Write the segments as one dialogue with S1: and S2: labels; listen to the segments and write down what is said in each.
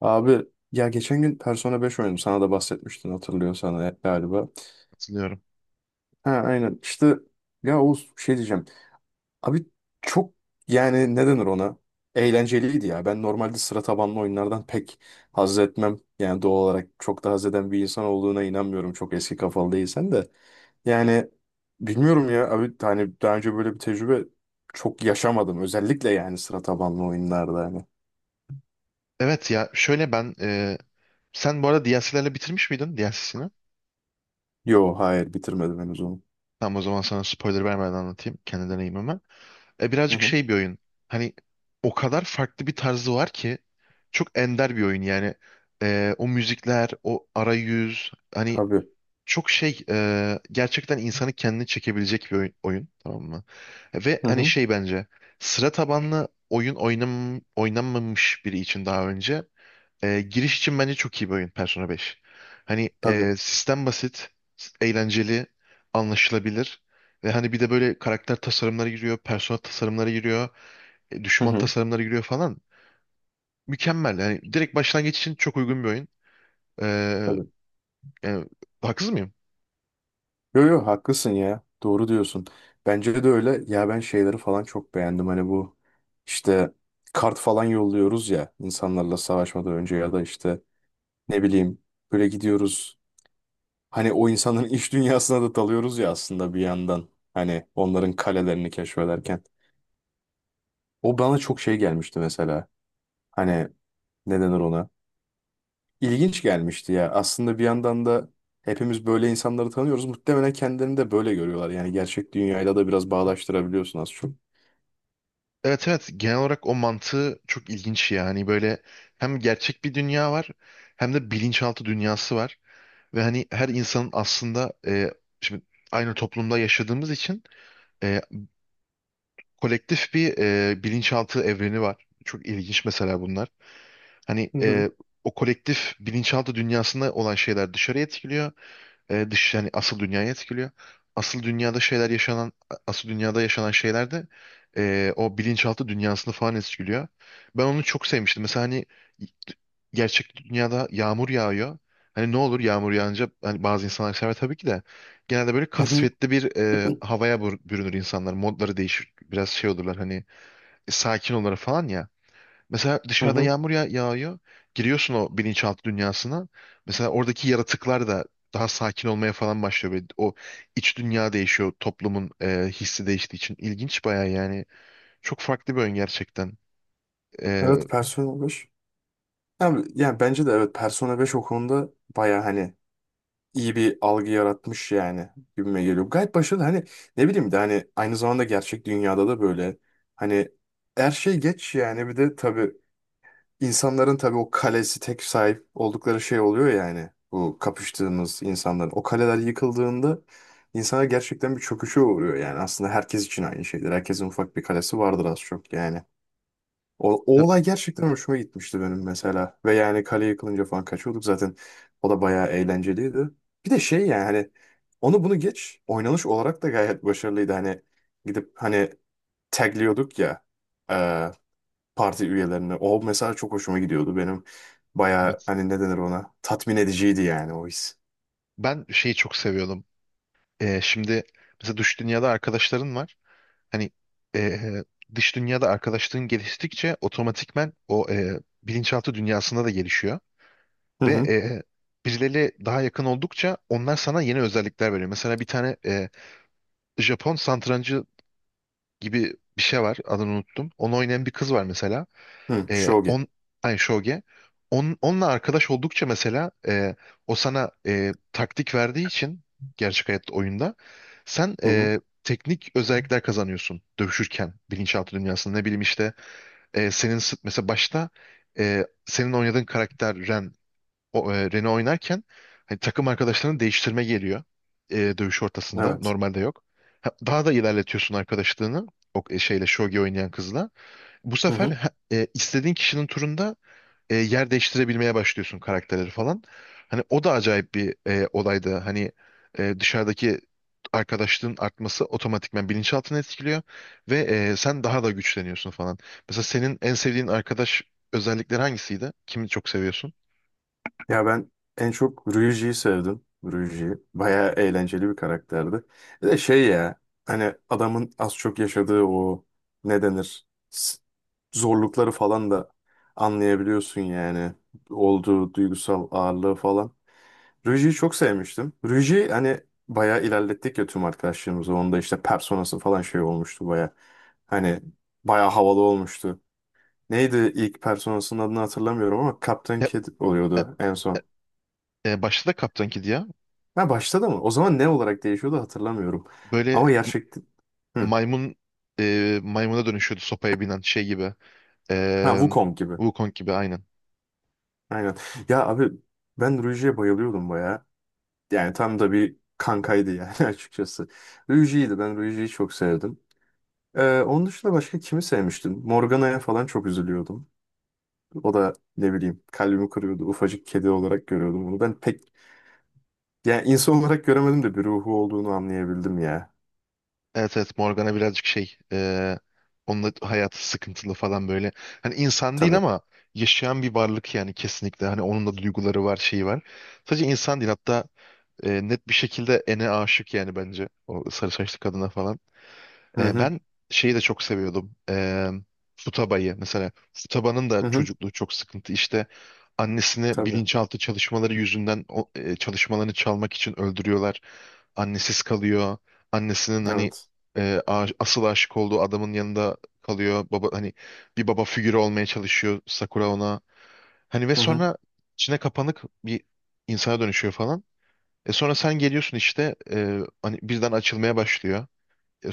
S1: Abi ya geçen gün Persona 5 oynadım. Sana da bahsetmiştin hatırlıyorsan galiba.
S2: Katılıyorum.
S1: Ha aynen. işte ya Oğuz şey diyeceğim. Abi çok yani ne denir ona? Eğlenceliydi ya. Ben normalde sıra tabanlı oyunlardan pek haz etmem. Yani doğal olarak çok da haz eden bir insan olduğuna inanmıyorum. Çok eski kafalı değilsen de. Yani bilmiyorum ya abi hani daha önce böyle bir tecrübe çok yaşamadım. Özellikle yani sıra tabanlı oyunlarda hani.
S2: Evet ya şöyle ben sen bu arada DLC'lerle bitirmiş miydin DLC'sini?
S1: Yo hayır bitirmedim henüz onu.
S2: Tamam o zaman sana spoiler vermeden anlatayım kendi deneyimimi.
S1: Hı
S2: Birazcık
S1: hı.
S2: şey bir oyun. Hani o kadar farklı bir tarzı var ki çok ender bir oyun yani. O müzikler, o arayüz hani
S1: Tabii.
S2: çok şey gerçekten insanı kendini çekebilecek bir oyun tamam mı? Ve
S1: Hı
S2: hani
S1: hı.
S2: şey bence sıra tabanlı oynanmamış biri için daha önce giriş için bence çok iyi bir oyun Persona 5. Hani
S1: Tabii.
S2: sistem basit, eğlenceli, anlaşılabilir. Ve hani bir de böyle karakter tasarımları giriyor, persona tasarımları giriyor,
S1: Hı
S2: düşman
S1: hı.
S2: tasarımları giriyor falan. Mükemmel. Yani direkt başlangıç için çok uygun bir oyun. E,
S1: Tabii.
S2: Yani haksız mıyım?
S1: Yo yo haklısın ya. Doğru diyorsun. Bence de öyle. Ya ben şeyleri falan çok beğendim. Hani bu işte kart falan yolluyoruz ya insanlarla savaşmadan önce ya da işte ne bileyim böyle gidiyoruz. Hani o insanın iç dünyasına da dalıyoruz ya aslında bir yandan. Hani onların kalelerini keşfederken. O bana çok şey gelmişti mesela. Hani ne denir ona? İlginç gelmişti ya. Aslında bir yandan da hepimiz böyle insanları tanıyoruz. Muhtemelen kendilerini de böyle görüyorlar. Yani gerçek dünyayla da biraz bağdaştırabiliyorsun az çok.
S2: Evet, evet, genel olarak o mantığı çok ilginç yani böyle hem gerçek bir dünya var hem de bilinçaltı dünyası var ve hani her insanın aslında şimdi aynı toplumda yaşadığımız için e, kolektif bir bilinçaltı evreni var. Çok ilginç mesela bunlar. Hani
S1: Hı hı.
S2: o kolektif bilinçaltı dünyasında olan şeyler dışarıya etkiliyor. Dış yani asıl dünyayı etkiliyor. Asıl dünyada şeyler yaşanan asıl dünyada yaşanan şeyler de o bilinçaltı dünyasını falan etkiliyor. Ben onu çok sevmiştim. Mesela hani gerçek dünyada yağmur yağıyor. Hani ne olur yağmur yağınca hani bazı insanlar sever tabii ki de genelde böyle
S1: Hı hı.
S2: kasvetli bir havaya bürünür insanlar. Modları değişir. Biraz şey olurlar hani sakin olur falan ya. Mesela
S1: Hı
S2: dışarıda
S1: hı.
S2: yağmur ya yağıyor. Giriyorsun o bilinçaltı dünyasına. Mesela oradaki yaratıklar da daha sakin olmaya falan başlıyor. Böyle o iç dünya değişiyor. Toplumun hissi değiştiği için. İlginç baya yani. Çok farklı bir oyun gerçekten. E,
S1: Evet Persona beş. Yani, bence de evet Persona beş o konuda baya hani iyi bir algı yaratmış yani gibime geliyor. Gayet başarılı hani ne bileyim de hani aynı zamanda gerçek dünyada da böyle hani her şey geç yani bir de tabii insanların tabii o kalesi tek sahip oldukları şey oluyor yani bu kapıştığımız insanların. O kaleler yıkıldığında insanlar gerçekten bir çöküşe uğruyor yani aslında herkes için aynı şeydir. Herkesin ufak bir kalesi vardır az çok yani. O
S2: ta-
S1: olay gerçekten hoşuma gitmişti benim mesela. Ve yani kale yıkılınca falan kaçıyorduk zaten. O da bayağı eğlenceliydi. Bir de şey yani hani onu bunu geç. Oynanış olarak da gayet başarılıydı. Hani gidip hani tagliyorduk ya e, parti üyelerini. O mesela çok hoşuma gidiyordu benim. Bayağı
S2: evet.
S1: hani ne denir ona? Tatmin ediciydi yani o his.
S2: Ben şeyi çok seviyordum. Şimdi mesela dış dünyada arkadaşların var. Hani e, dış dünyada arkadaşlığın geliştikçe otomatikmen o bilinçaltı dünyasında da gelişiyor.
S1: Hı
S2: Ve
S1: hı.
S2: birileriyle daha yakın oldukça onlar sana yeni özellikler veriyor. Mesela bir tane Japon satrancı gibi bir şey var. Adını unuttum. Onu oynayan bir kız var mesela.
S1: Hı,
S2: E,
S1: Shogi.
S2: on, Ay, Shoge. Onunla arkadaş oldukça mesela o sana taktik verdiği için gerçek hayatta oyunda sen
S1: Hı hı.
S2: teknik özellikler kazanıyorsun dövüşürken bilinçaltı dünyasında. Ne bileyim işte mesela başta senin oynadığın karakter Ren Rene oynarken hani takım arkadaşlarını değiştirme geliyor dövüş ortasında.
S1: Evet.
S2: Normalde yok. Ha, daha da ilerletiyorsun arkadaşlığını o şeyle Shogi oynayan kızla. Bu
S1: Hı
S2: sefer
S1: hı.
S2: ha, istediğin kişinin turunda yer değiştirebilmeye başlıyorsun karakterleri falan. Hani o da acayip bir olaydı. Hani dışarıdaki arkadaşlığın artması otomatikman bilinçaltını etkiliyor ve sen daha da güçleniyorsun falan. Mesela senin en sevdiğin arkadaş özellikleri hangisiydi? Kimi çok seviyorsun?
S1: Ya ben en çok Ryuji'yi sevdim. Ryuji bayağı eğlenceli bir karakterdi. Bir de şey ya hani adamın az çok yaşadığı o ne denir zorlukları falan da anlayabiliyorsun yani. Olduğu duygusal ağırlığı falan. Ryuji'yi çok sevmiştim. Ryuji hani bayağı ilerlettik ya tüm arkadaşlarımızı. Onda işte personası falan şey olmuştu bayağı. Hani bayağı havalı olmuştu. Neydi ilk personasının adını hatırlamıyorum ama Captain
S2: Ya,
S1: Kid
S2: e,
S1: oluyordu en son.
S2: Başta da Kaptan Kid ya.
S1: Ha başladı mı? O zaman ne olarak değişiyordu hatırlamıyorum.
S2: Böyle
S1: Ama gerçekten... Hı.
S2: maymun maymuna dönüşüyordu sopaya binen şey gibi.
S1: Ha
S2: E,
S1: Wukong gibi.
S2: Wukong gibi aynen.
S1: Aynen. Ya abi ben Ruiji'ye bayılıyordum baya. Yani tam da bir kankaydı yani açıkçası. Ruiji'ydi. Ben Ruiji'yi çok sevdim. Onun dışında başka kimi sevmiştim? Morgana'ya falan çok üzülüyordum. O da ne bileyim kalbimi kırıyordu. Ufacık kedi olarak görüyordum onu. Ben pek yani insan olarak göremedim de bir ruhu olduğunu anlayabildim ya.
S2: Evet, evet, Morgana birazcık şey onun da hayatı sıkıntılı falan böyle. Hani insan değil
S1: Tabii.
S2: ama yaşayan bir varlık yani kesinlikle. Hani onun da duyguları var şeyi var. Sadece insan değil hatta net bir şekilde Ene aşık yani bence. O sarı saçlı kadına falan.
S1: Hı hı.
S2: Ben şeyi de çok seviyordum. Futaba'yı mesela. Futaba'nın da
S1: Hı hı.
S2: çocukluğu çok sıkıntı. İşte annesini
S1: Tabii.
S2: bilinçaltı çalışmaları yüzünden çalışmalarını çalmak için öldürüyorlar. Annesiz kalıyor. Annesinin hani
S1: Evet.
S2: asıl aşık olduğu adamın yanında kalıyor. Baba hani bir baba figürü olmaya çalışıyor Sakura ona. Hani ve
S1: Hı hı.
S2: sonra içine kapanık bir insana dönüşüyor falan. Sonra sen geliyorsun işte hani birden açılmaya başlıyor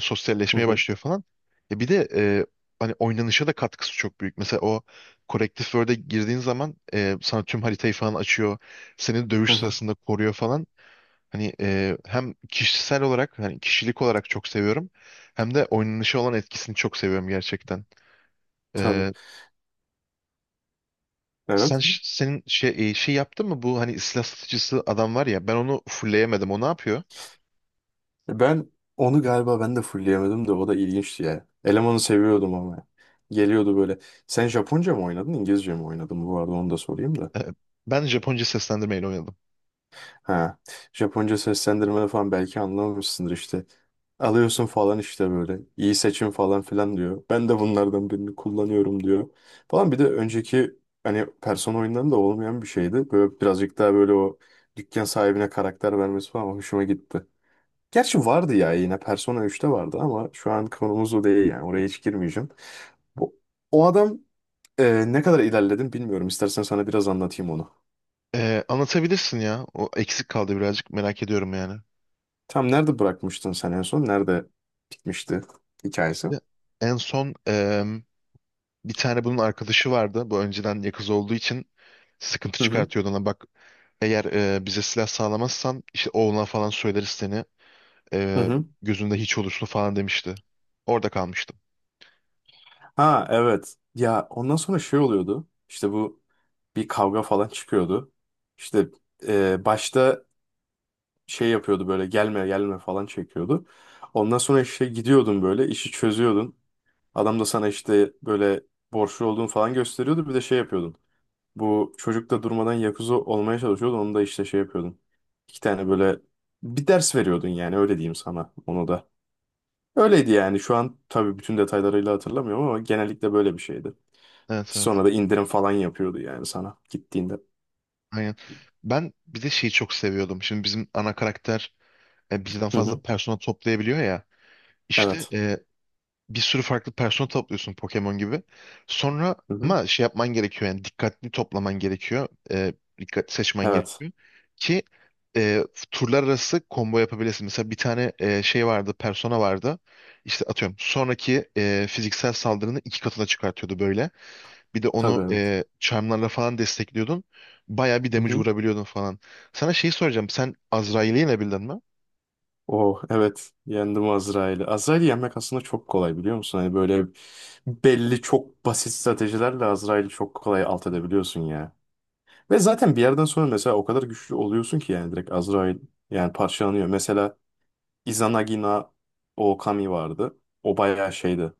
S1: Hı
S2: sosyalleşmeye
S1: hı.
S2: başlıyor falan. Bir de hani oynanışa da katkısı çok büyük. Mesela o Corrective Word'e girdiğin zaman sana tüm haritayı falan açıyor. Seni
S1: Hı
S2: dövüş
S1: hı.
S2: sırasında koruyor falan. Hani hem kişisel olarak hani kişilik olarak çok seviyorum. Hem de oynanışa olan etkisini çok seviyorum gerçekten.
S1: Tabii.
S2: E, sen
S1: Evet.
S2: ş- senin şey e, şey yaptın mı bu hani silah satıcısı adam var ya ben onu fullleyemedim. O ne yapıyor?
S1: Ben onu galiba ben de fullleyemedim de o da ilginçti ya. Elemanı seviyordum ama. Geliyordu böyle. Sen Japonca mı oynadın, İngilizce mi oynadın? Bu arada onu da sorayım da.
S2: E, Ben Japonca seslendirmeyle oynadım.
S1: Ha. Japonca seslendirmede falan belki anlamamışsındır işte. Alıyorsun falan işte böyle. İyi seçim falan filan diyor. Ben de bunlardan birini kullanıyorum diyor. Falan bir de önceki hani Persona oyunlarında olmayan bir şeydi. Böyle birazcık daha böyle o dükkan sahibine karakter vermesi falan hoşuma gitti. Gerçi vardı ya yine Persona 3'te vardı ama şu an konumuz o değil yani oraya hiç girmeyeceğim. Bu, o adam ne kadar ilerledin bilmiyorum. İstersen sana biraz anlatayım onu.
S2: Anlatabilirsin ya. O eksik kaldı birazcık merak ediyorum yani.
S1: Tam nerede bırakmıştın sen en son? Nerede bitmişti hikayesi?
S2: Ya, en son bir tane bunun arkadaşı vardı. Bu önceden yakız olduğu için sıkıntı
S1: Hı hı.
S2: çıkartıyordu ona. Bak eğer bize silah sağlamazsan işte oğluna falan söyleriz seni.
S1: Hı
S2: Eee,
S1: hı.
S2: Gözünde hiç olursun falan demişti. Orada kalmıştım.
S1: Ha evet. Ya ondan sonra şey oluyordu. İşte bu bir kavga falan çıkıyordu. İşte başta şey yapıyordu böyle gelme gelme falan çekiyordu. Ondan sonra işte gidiyordun böyle işi çözüyordun. Adam da sana işte böyle borçlu olduğunu falan gösteriyordu. Bir de şey yapıyordun. Bu çocuk da durmadan Yakuza olmaya çalışıyordu. Onu da işte şey yapıyordun. İki tane böyle bir ders veriyordun yani öyle diyeyim sana onu da. Öyleydi yani şu an tabii bütün detaylarıyla hatırlamıyorum ama genellikle böyle bir şeydi.
S2: Evet, evet.
S1: Sonra da indirim falan yapıyordu yani sana gittiğinde.
S2: Aynen. Ben bir de şeyi çok seviyordum. Şimdi bizim ana karakter birden
S1: Hı
S2: fazla
S1: hı.
S2: persona toplayabiliyor ya. İşte
S1: Evet.
S2: bir sürü farklı persona topluyorsun Pokemon gibi. Sonra
S1: Hı hı.
S2: ama şey yapman gerekiyor yani dikkatli toplaman gerekiyor. Dikkatli seçmen
S1: Evet.
S2: gerekiyor. Ki e, turlar arası combo yapabilirsin. Mesela bir tane şey vardı, persona vardı. İşte atıyorum sonraki fiziksel saldırını iki katına çıkartıyordu böyle. Bir de
S1: Tabii
S2: onu
S1: evet.
S2: charmlarla falan destekliyordun. Bayağı bir
S1: Hı
S2: damage
S1: hı.
S2: vurabiliyordun falan. Sana şeyi soracağım. Sen Azrail'i yenebildin mi?
S1: Oh evet yendim Azrail'i. Azrail'i yenmek aslında çok kolay biliyor musun? Hani böyle belli çok basit stratejilerle Azrail'i çok kolay alt edebiliyorsun ya. Ve zaten bir yerden sonra mesela o kadar güçlü oluyorsun ki yani direkt Azrail yani parçalanıyor. Mesela Izanagina Okami vardı. O bayağı şeydi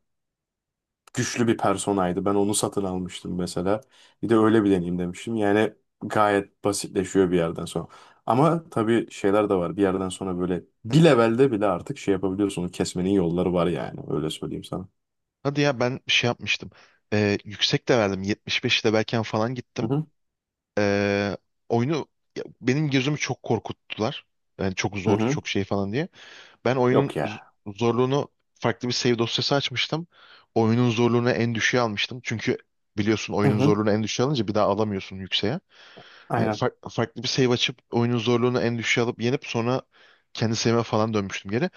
S1: güçlü bir personaydı. Ben onu satın almıştım mesela. Bir de öyle bir deneyim demiştim. Yani gayet basitleşiyor bir yerden sonra. Ama tabii şeyler de var. Bir yerden sonra böyle bir levelde bile artık şey yapabiliyorsun. Onu kesmenin yolları var yani. Öyle söyleyeyim sana.
S2: Hadi ya ben şey yapmıştım. Yüksek de verdim. 75 de belki falan
S1: Hı
S2: gittim.
S1: hı.
S2: E, Oyunu ya, benim gözümü çok korkuttular. Yani çok
S1: Hı
S2: zor,
S1: hı.
S2: çok şey falan diye. Ben oyunun
S1: Yok ya.
S2: zorluğunu farklı bir save dosyası açmıştım. Oyunun zorluğunu en düşüğe almıştım. Çünkü biliyorsun
S1: Hı
S2: oyunun
S1: hı.
S2: zorluğunu en düşüğe alınca bir daha alamıyorsun yükseğe. Hani
S1: Aynen.
S2: farklı bir save açıp oyunun zorluğunu en düşüğe alıp yenip sonra kendi save'e falan dönmüştüm geri.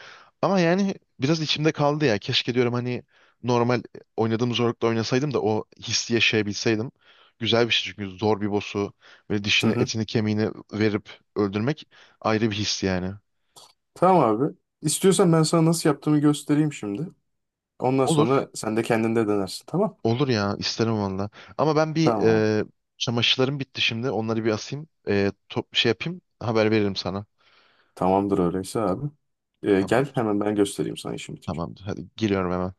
S2: Ama yani biraz içimde kaldı ya. Keşke diyorum hani normal oynadığım zorlukta oynasaydım da o hissi yaşayabilseydim. Güzel bir şey çünkü zor bir boss'u böyle
S1: Hı
S2: dişini
S1: hı.
S2: etini kemiğini verip öldürmek ayrı bir his yani.
S1: Tamam abi. İstiyorsan ben sana nasıl yaptığımı göstereyim şimdi. Ondan
S2: Olur.
S1: sonra sen de kendinde denersin. Tamam.
S2: Olur ya isterim valla. Ama ben bir
S1: Tamam.
S2: çamaşırlarım bitti şimdi. Onları bir asayım. Şey yapayım. Haber veririm sana.
S1: Tamamdır öyleyse abi. Gel
S2: Tamamdır.
S1: hemen ben göstereyim sana işim bitince.
S2: Tamamdır. Hadi giriyorum hemen.